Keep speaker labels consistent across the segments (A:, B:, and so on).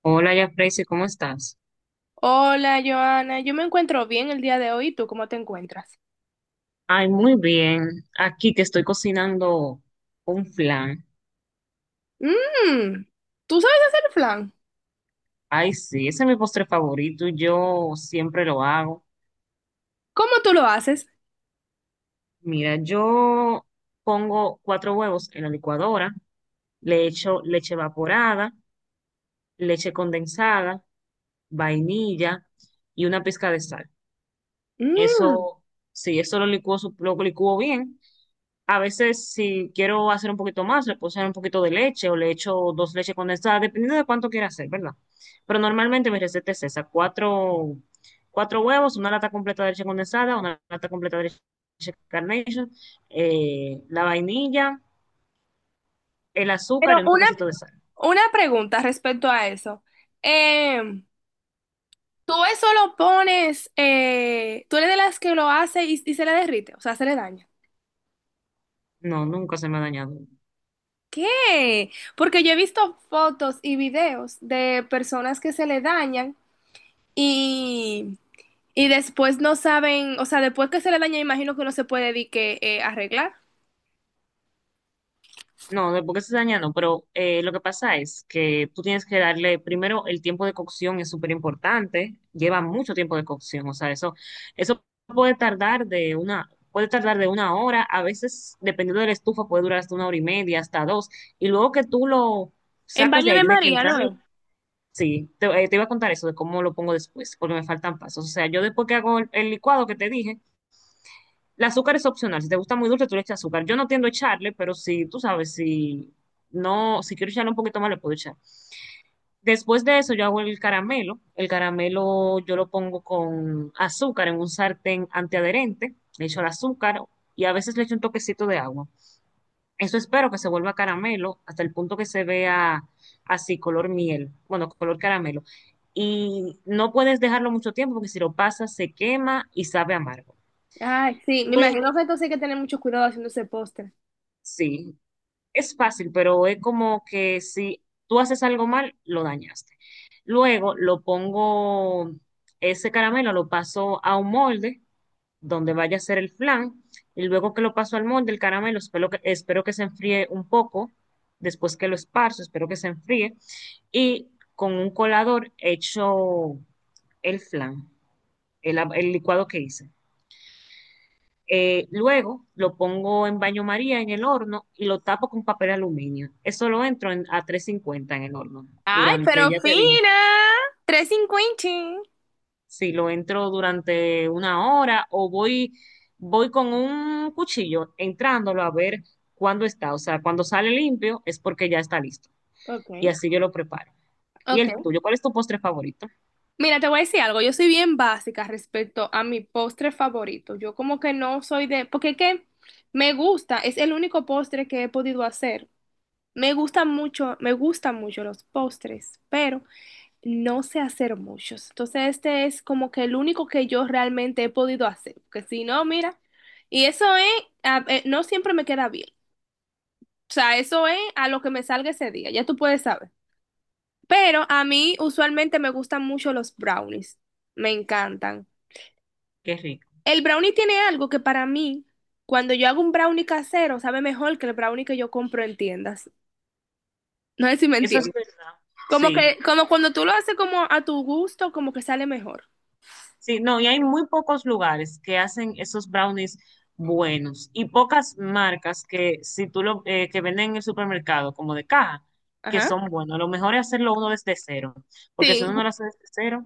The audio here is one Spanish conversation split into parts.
A: Hola, ya Freysi, ¿cómo estás?
B: Hola, Joana. Yo me encuentro bien el día de hoy. ¿Y tú cómo te encuentras?
A: Ay, muy bien. Aquí que estoy cocinando un flan.
B: Mmm, ¿tú sabes hacer flan?
A: Ay, sí, ese es mi postre favorito. Yo siempre lo hago.
B: ¿Cómo tú lo haces?
A: Mira, yo pongo cuatro huevos en la licuadora, le echo leche evaporada, leche condensada, vainilla y una pizca de sal.
B: Mmm.
A: Eso, sí, eso lo licuo, lo licuo bien. A veces, si quiero hacer un poquito más, le puedo echar un poquito de leche o le echo dos leches condensadas, dependiendo de cuánto quiera hacer, ¿verdad? Pero normalmente mi receta es esa, cuatro huevos, una lata completa de leche condensada, una lata completa de leche Carnation, la vainilla, el azúcar y
B: Pero
A: un
B: una,
A: toquecito de sal.
B: una pregunta respecto a eso. Em, ¿Tú eso lo pones, tú eres de las que lo hace y se le derrite, o sea, se le daña?
A: No, nunca se me ha dañado.
B: ¿Qué? Porque yo he visto fotos y videos de personas que se le dañan. Y, y después no saben, o sea, después que se le daña, imagino que no se puede di que arreglar.
A: No, de por qué se daña no, pero lo que pasa es que tú tienes que darle, primero, el tiempo de cocción es súper importante, lleva mucho tiempo de cocción, o sea, eso puede tardar puede tardar de 1 hora, a veces, dependiendo de la estufa, puede durar hasta 1 hora y media, hasta dos, y luego que tú lo
B: En
A: sacas
B: baño
A: de ahí,
B: de
A: tiene que
B: María,
A: entrar,
B: ¿no es?
A: sí, te iba a contar eso de cómo lo pongo después, porque me faltan pasos, o sea, yo después que hago el licuado que te dije, el azúcar es opcional. Si te gusta muy dulce, tú le echas azúcar. Yo no tiendo a echarle, pero si tú sabes, si no, si quiero echarle un poquito más, le puedo echar. Después de eso, yo hago el caramelo. El caramelo yo lo pongo con azúcar en un sartén antiadherente. Le echo el azúcar y a veces le echo un toquecito de agua. Eso espero que se vuelva caramelo hasta el punto que se vea así, color miel. Bueno, color caramelo. Y no puedes dejarlo mucho tiempo porque si lo pasas se quema y sabe amargo.
B: Ay, sí, me
A: Luego,
B: imagino que entonces hay que tener mucho cuidado haciendo ese postre.
A: sí, es fácil, pero es como que si tú haces algo mal, lo dañaste. Luego lo pongo, ese caramelo lo paso a un molde donde vaya a ser el flan y luego que lo paso al molde, el caramelo, espero que se enfríe un poco, después que lo esparzo, espero que se enfríe y con un colador hecho el flan, el licuado que hice. Luego lo pongo en baño María en el horno y lo tapo con papel aluminio. Eso lo entro a 350 en el horno
B: Ay,
A: durante,
B: pero
A: ya te dije,
B: fina, 350.
A: si lo entro durante 1 hora o voy con un cuchillo entrándolo a ver cuándo está. O sea, cuando sale limpio es porque ya está listo. Y
B: Ok.
A: así yo lo preparo. ¿Y
B: Ok.
A: el tuyo? ¿Cuál es tu postre favorito?
B: Mira, te voy a decir algo. Yo soy bien básica respecto a mi postre favorito. Yo como que no soy de... Porque es que me gusta, es el único postre que he podido hacer. Me gusta mucho, me gustan mucho los postres, pero no sé hacer muchos. Entonces, este es como que el único que yo realmente he podido hacer. Porque si no, mira, y eso es, no siempre me queda bien. O sea, eso es a lo que me salga ese día, ya tú puedes saber. Pero a mí usualmente me gustan mucho los brownies. Me encantan.
A: Qué rico.
B: El brownie tiene algo que para mí, cuando yo hago un brownie casero, sabe mejor que el brownie que yo compro en tiendas. No sé si me
A: Eso es
B: entiendes.
A: verdad.
B: Como
A: Sí.
B: que, como cuando tú lo haces como a tu gusto, como que sale mejor.
A: Sí, no, y hay muy pocos lugares que hacen esos brownies buenos y pocas marcas que si tú lo que venden en el supermercado como de caja que
B: Ajá.
A: son buenos. Lo mejor es hacerlo uno desde cero, porque si
B: Sí.
A: uno no lo hace desde cero,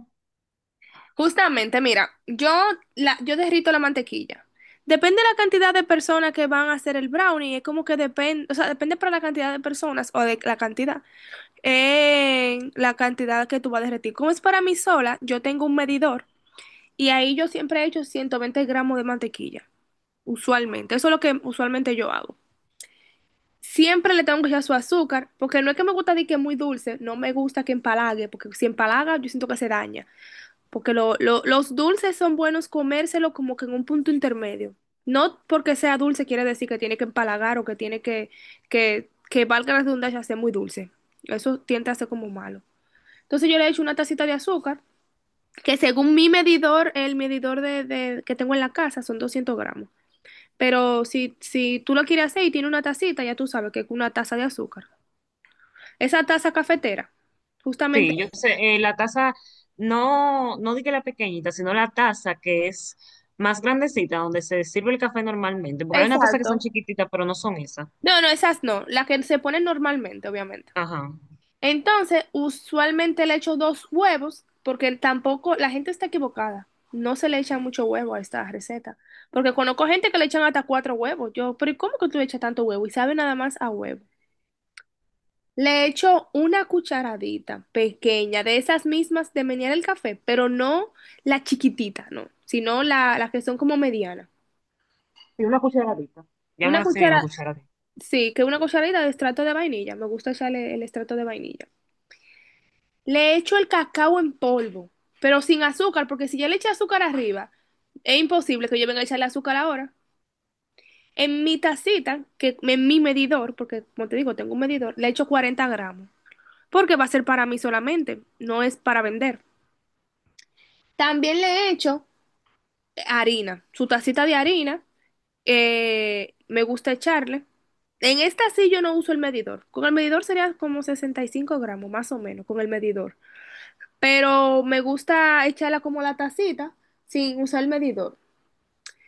B: Justamente, mira, yo, la, yo derrito la mantequilla. Depende de la cantidad de personas que van a hacer el brownie, es como que depende, o sea, depende para la cantidad de personas o de la cantidad que tú vas a derretir. Como es para mí sola, yo tengo un medidor y ahí yo siempre he hecho 120 gramos de mantequilla, usualmente. Eso es lo que usualmente yo hago. Siempre le tengo que echar su azúcar, porque no es que me gusta de que es muy dulce, no me gusta que empalague, porque si empalaga yo siento que se daña. Porque los dulces son buenos comérselo como que en un punto intermedio. No porque sea dulce quiere decir que tiene que empalagar o que tiene que, que valga la redundancia, ser muy dulce. Eso tiende a ser como malo. Entonces yo le he hecho una tacita de azúcar, que según mi medidor, el medidor que tengo en la casa son 200 gramos. Pero si, si tú lo quieres hacer y tiene una tacita, ya tú sabes que es una taza de azúcar. Esa taza cafetera, justamente.
A: sí, yo sé, la taza no dije la pequeñita, sino la taza que es más grandecita donde se sirve el café normalmente, porque hay una taza que son
B: Exacto.
A: chiquititas, pero no son esas.
B: No, no, esas no, las que se ponen normalmente, obviamente.
A: Ajá.
B: Entonces, usualmente le echo dos huevos, porque tampoco la gente está equivocada. No se le echa mucho huevo a esta receta. Porque conozco gente que le echan hasta cuatro huevos. Yo, pero ¿y cómo que tú le echas tanto huevo? Y sabe nada más a huevo. Le echo una cucharadita pequeña de esas mismas de menear el café, pero no la chiquitita, no, sino la, las que son como medianas.
A: Sí, una cucharadita.
B: Una
A: Llaman así mismo
B: cuchara,
A: cucharadita.
B: sí, que una cucharadita de extracto de vainilla. Me gusta echarle el extracto de vainilla. Le echo el cacao en polvo, pero sin azúcar, porque si ya le eché azúcar arriba, es imposible que yo venga a echarle azúcar ahora. En mi tacita, que en mi medidor, porque como te digo, tengo un medidor, le echo 40 gramos, porque va a ser para mí solamente, no es para vender. También le echo harina, su tacita de harina, me gusta echarle. En esta sí yo no uso el medidor. Con el medidor sería como 65 gramos, más o menos, con el medidor. Pero me gusta echarla como la tacita sin usar el medidor.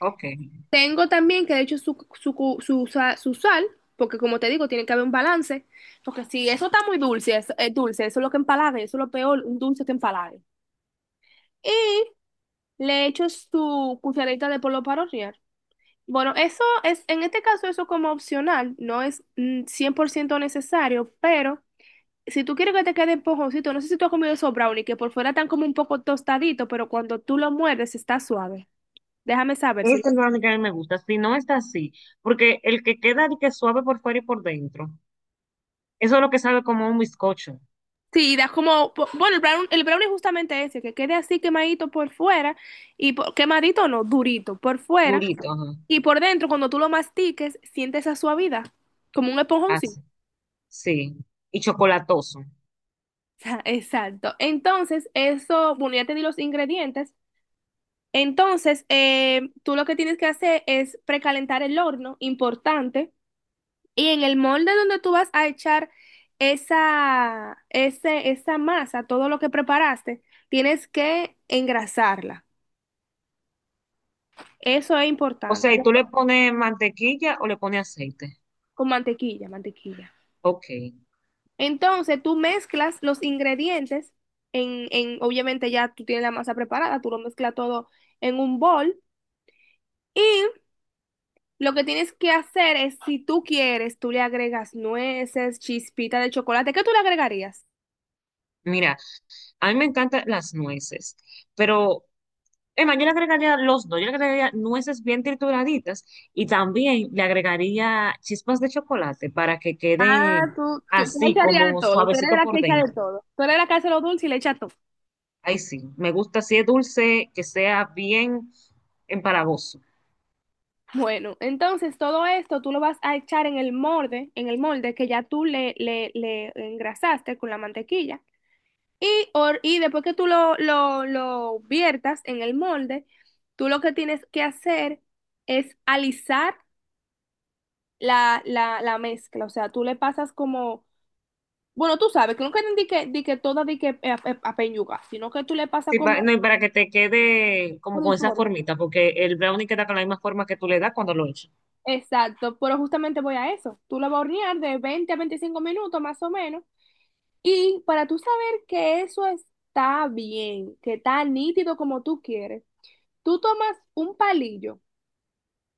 A: Ok.
B: Tengo también que le echo su, su, cu- su, sa- su sal, porque como te digo, tiene que haber un balance, porque si eso está muy dulce, es dulce, eso es lo que empalaga, eso es lo peor, un dulce que empalaga. Y le echo su cucharadita de polvo para hornear. Bueno, eso es, en este caso eso como opcional, no es 100% necesario, pero si tú quieres que te quede esponjosito, no sé si tú has comido esos brownies que por fuera están como un poco tostaditos, pero cuando tú lo muerdes está suave. Déjame saber si lo...
A: Esa es la única que a mí me gusta, si no está así, porque el que queda de que suave por fuera y por dentro, eso es lo que sabe como un bizcocho,
B: Sí, das como... Bueno, el brownie es justamente ese, que quede así quemadito por fuera quemadito no, durito por fuera
A: durito, ajá,
B: y por dentro cuando tú lo mastiques sientes esa suavidad, como un esponjoncito.
A: así, sí, y chocolatoso.
B: Exacto. Entonces, eso, bueno, ya te di los ingredientes. Entonces, tú lo que tienes que hacer es precalentar el horno, importante. Y en el molde donde tú vas a echar esa masa, todo lo que preparaste, tienes que engrasarla. Eso es
A: O sea,
B: importante.
A: ¿y tú le pones mantequilla o le pones aceite?
B: Con mantequilla, mantequilla.
A: Ok,
B: Entonces tú mezclas los ingredientes obviamente ya tú tienes la masa preparada, tú lo mezclas todo en un bol y lo que tienes que hacer es, si tú quieres, tú le agregas nueces, chispita de chocolate. ¿Qué tú le agregarías?
A: mira, a mí me encantan las nueces, pero, Emma, yo le agregaría los dos, yo le agregaría nueces bien trituraditas y también le agregaría chispas de chocolate para que quede
B: Ah, tú le
A: así
B: echarías
A: como
B: todo, tú eres
A: suavecito
B: la que
A: por
B: echa de
A: dentro.
B: todo. Tú eres la que hace lo dulce y le echa todo.
A: Ay, sí, me gusta si es dulce, que sea bien empalagoso.
B: Bueno, entonces todo esto tú lo vas a echar en el molde que ya tú le engrasaste con la mantequilla. Y, y después que tú lo viertas en el molde, tú lo que tienes que hacer es alisar la mezcla. O sea, tú le pasas como, bueno, tú sabes que nunca di que, di que toda di que peñuga, sino que tú le pasas
A: No,
B: como
A: y para que te quede como con esa
B: uniforme.
A: formita, porque el brownie queda con la misma forma que tú le das cuando lo echas.
B: Exacto, pero justamente voy a eso. Tú lo vas a hornear de 20 a 25 minutos más o menos. Y para tú saber que eso está bien, que está nítido como tú quieres, tú tomas un palillo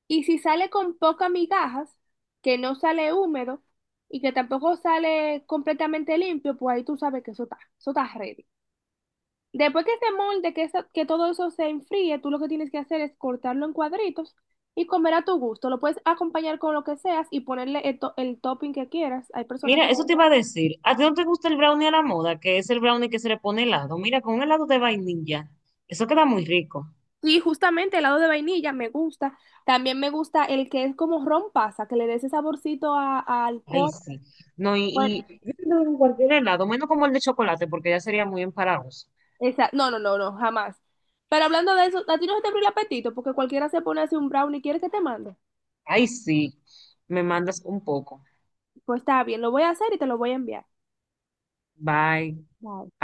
B: y si sale con pocas migajas, que no sale húmedo y que tampoco sale completamente limpio, pues ahí tú sabes que eso está ready. Después que este molde, que todo eso se enfríe, tú lo que tienes que hacer es cortarlo en cuadritos y comer a tu gusto. Lo puedes acompañar con lo que seas y ponerle el, el topping que quieras. Hay personas que...
A: Mira,
B: le
A: eso te
B: dicen,
A: iba a decir, ¿a ti no te gusta el brownie a la moda? Que es el brownie que se le pone helado. Mira, con un helado de vainilla, eso queda muy rico.
B: sí, justamente helado de vainilla me gusta. También me gusta el que es como ron pasa, que le dé ese saborcito a
A: Ay,
B: alcohol.
A: sí. No,
B: Bueno,
A: y yo creo que en cualquier helado, menos como el de chocolate, porque ya sería muy empalagoso.
B: no, no, no, no, jamás. Pero hablando de eso, a ti no se te abre el apetito porque cualquiera se pone así un brownie y quiere que te mande.
A: Ay, sí, me mandas un poco.
B: Pues está bien, lo voy a hacer y te lo voy a enviar.
A: Bye.
B: Bye.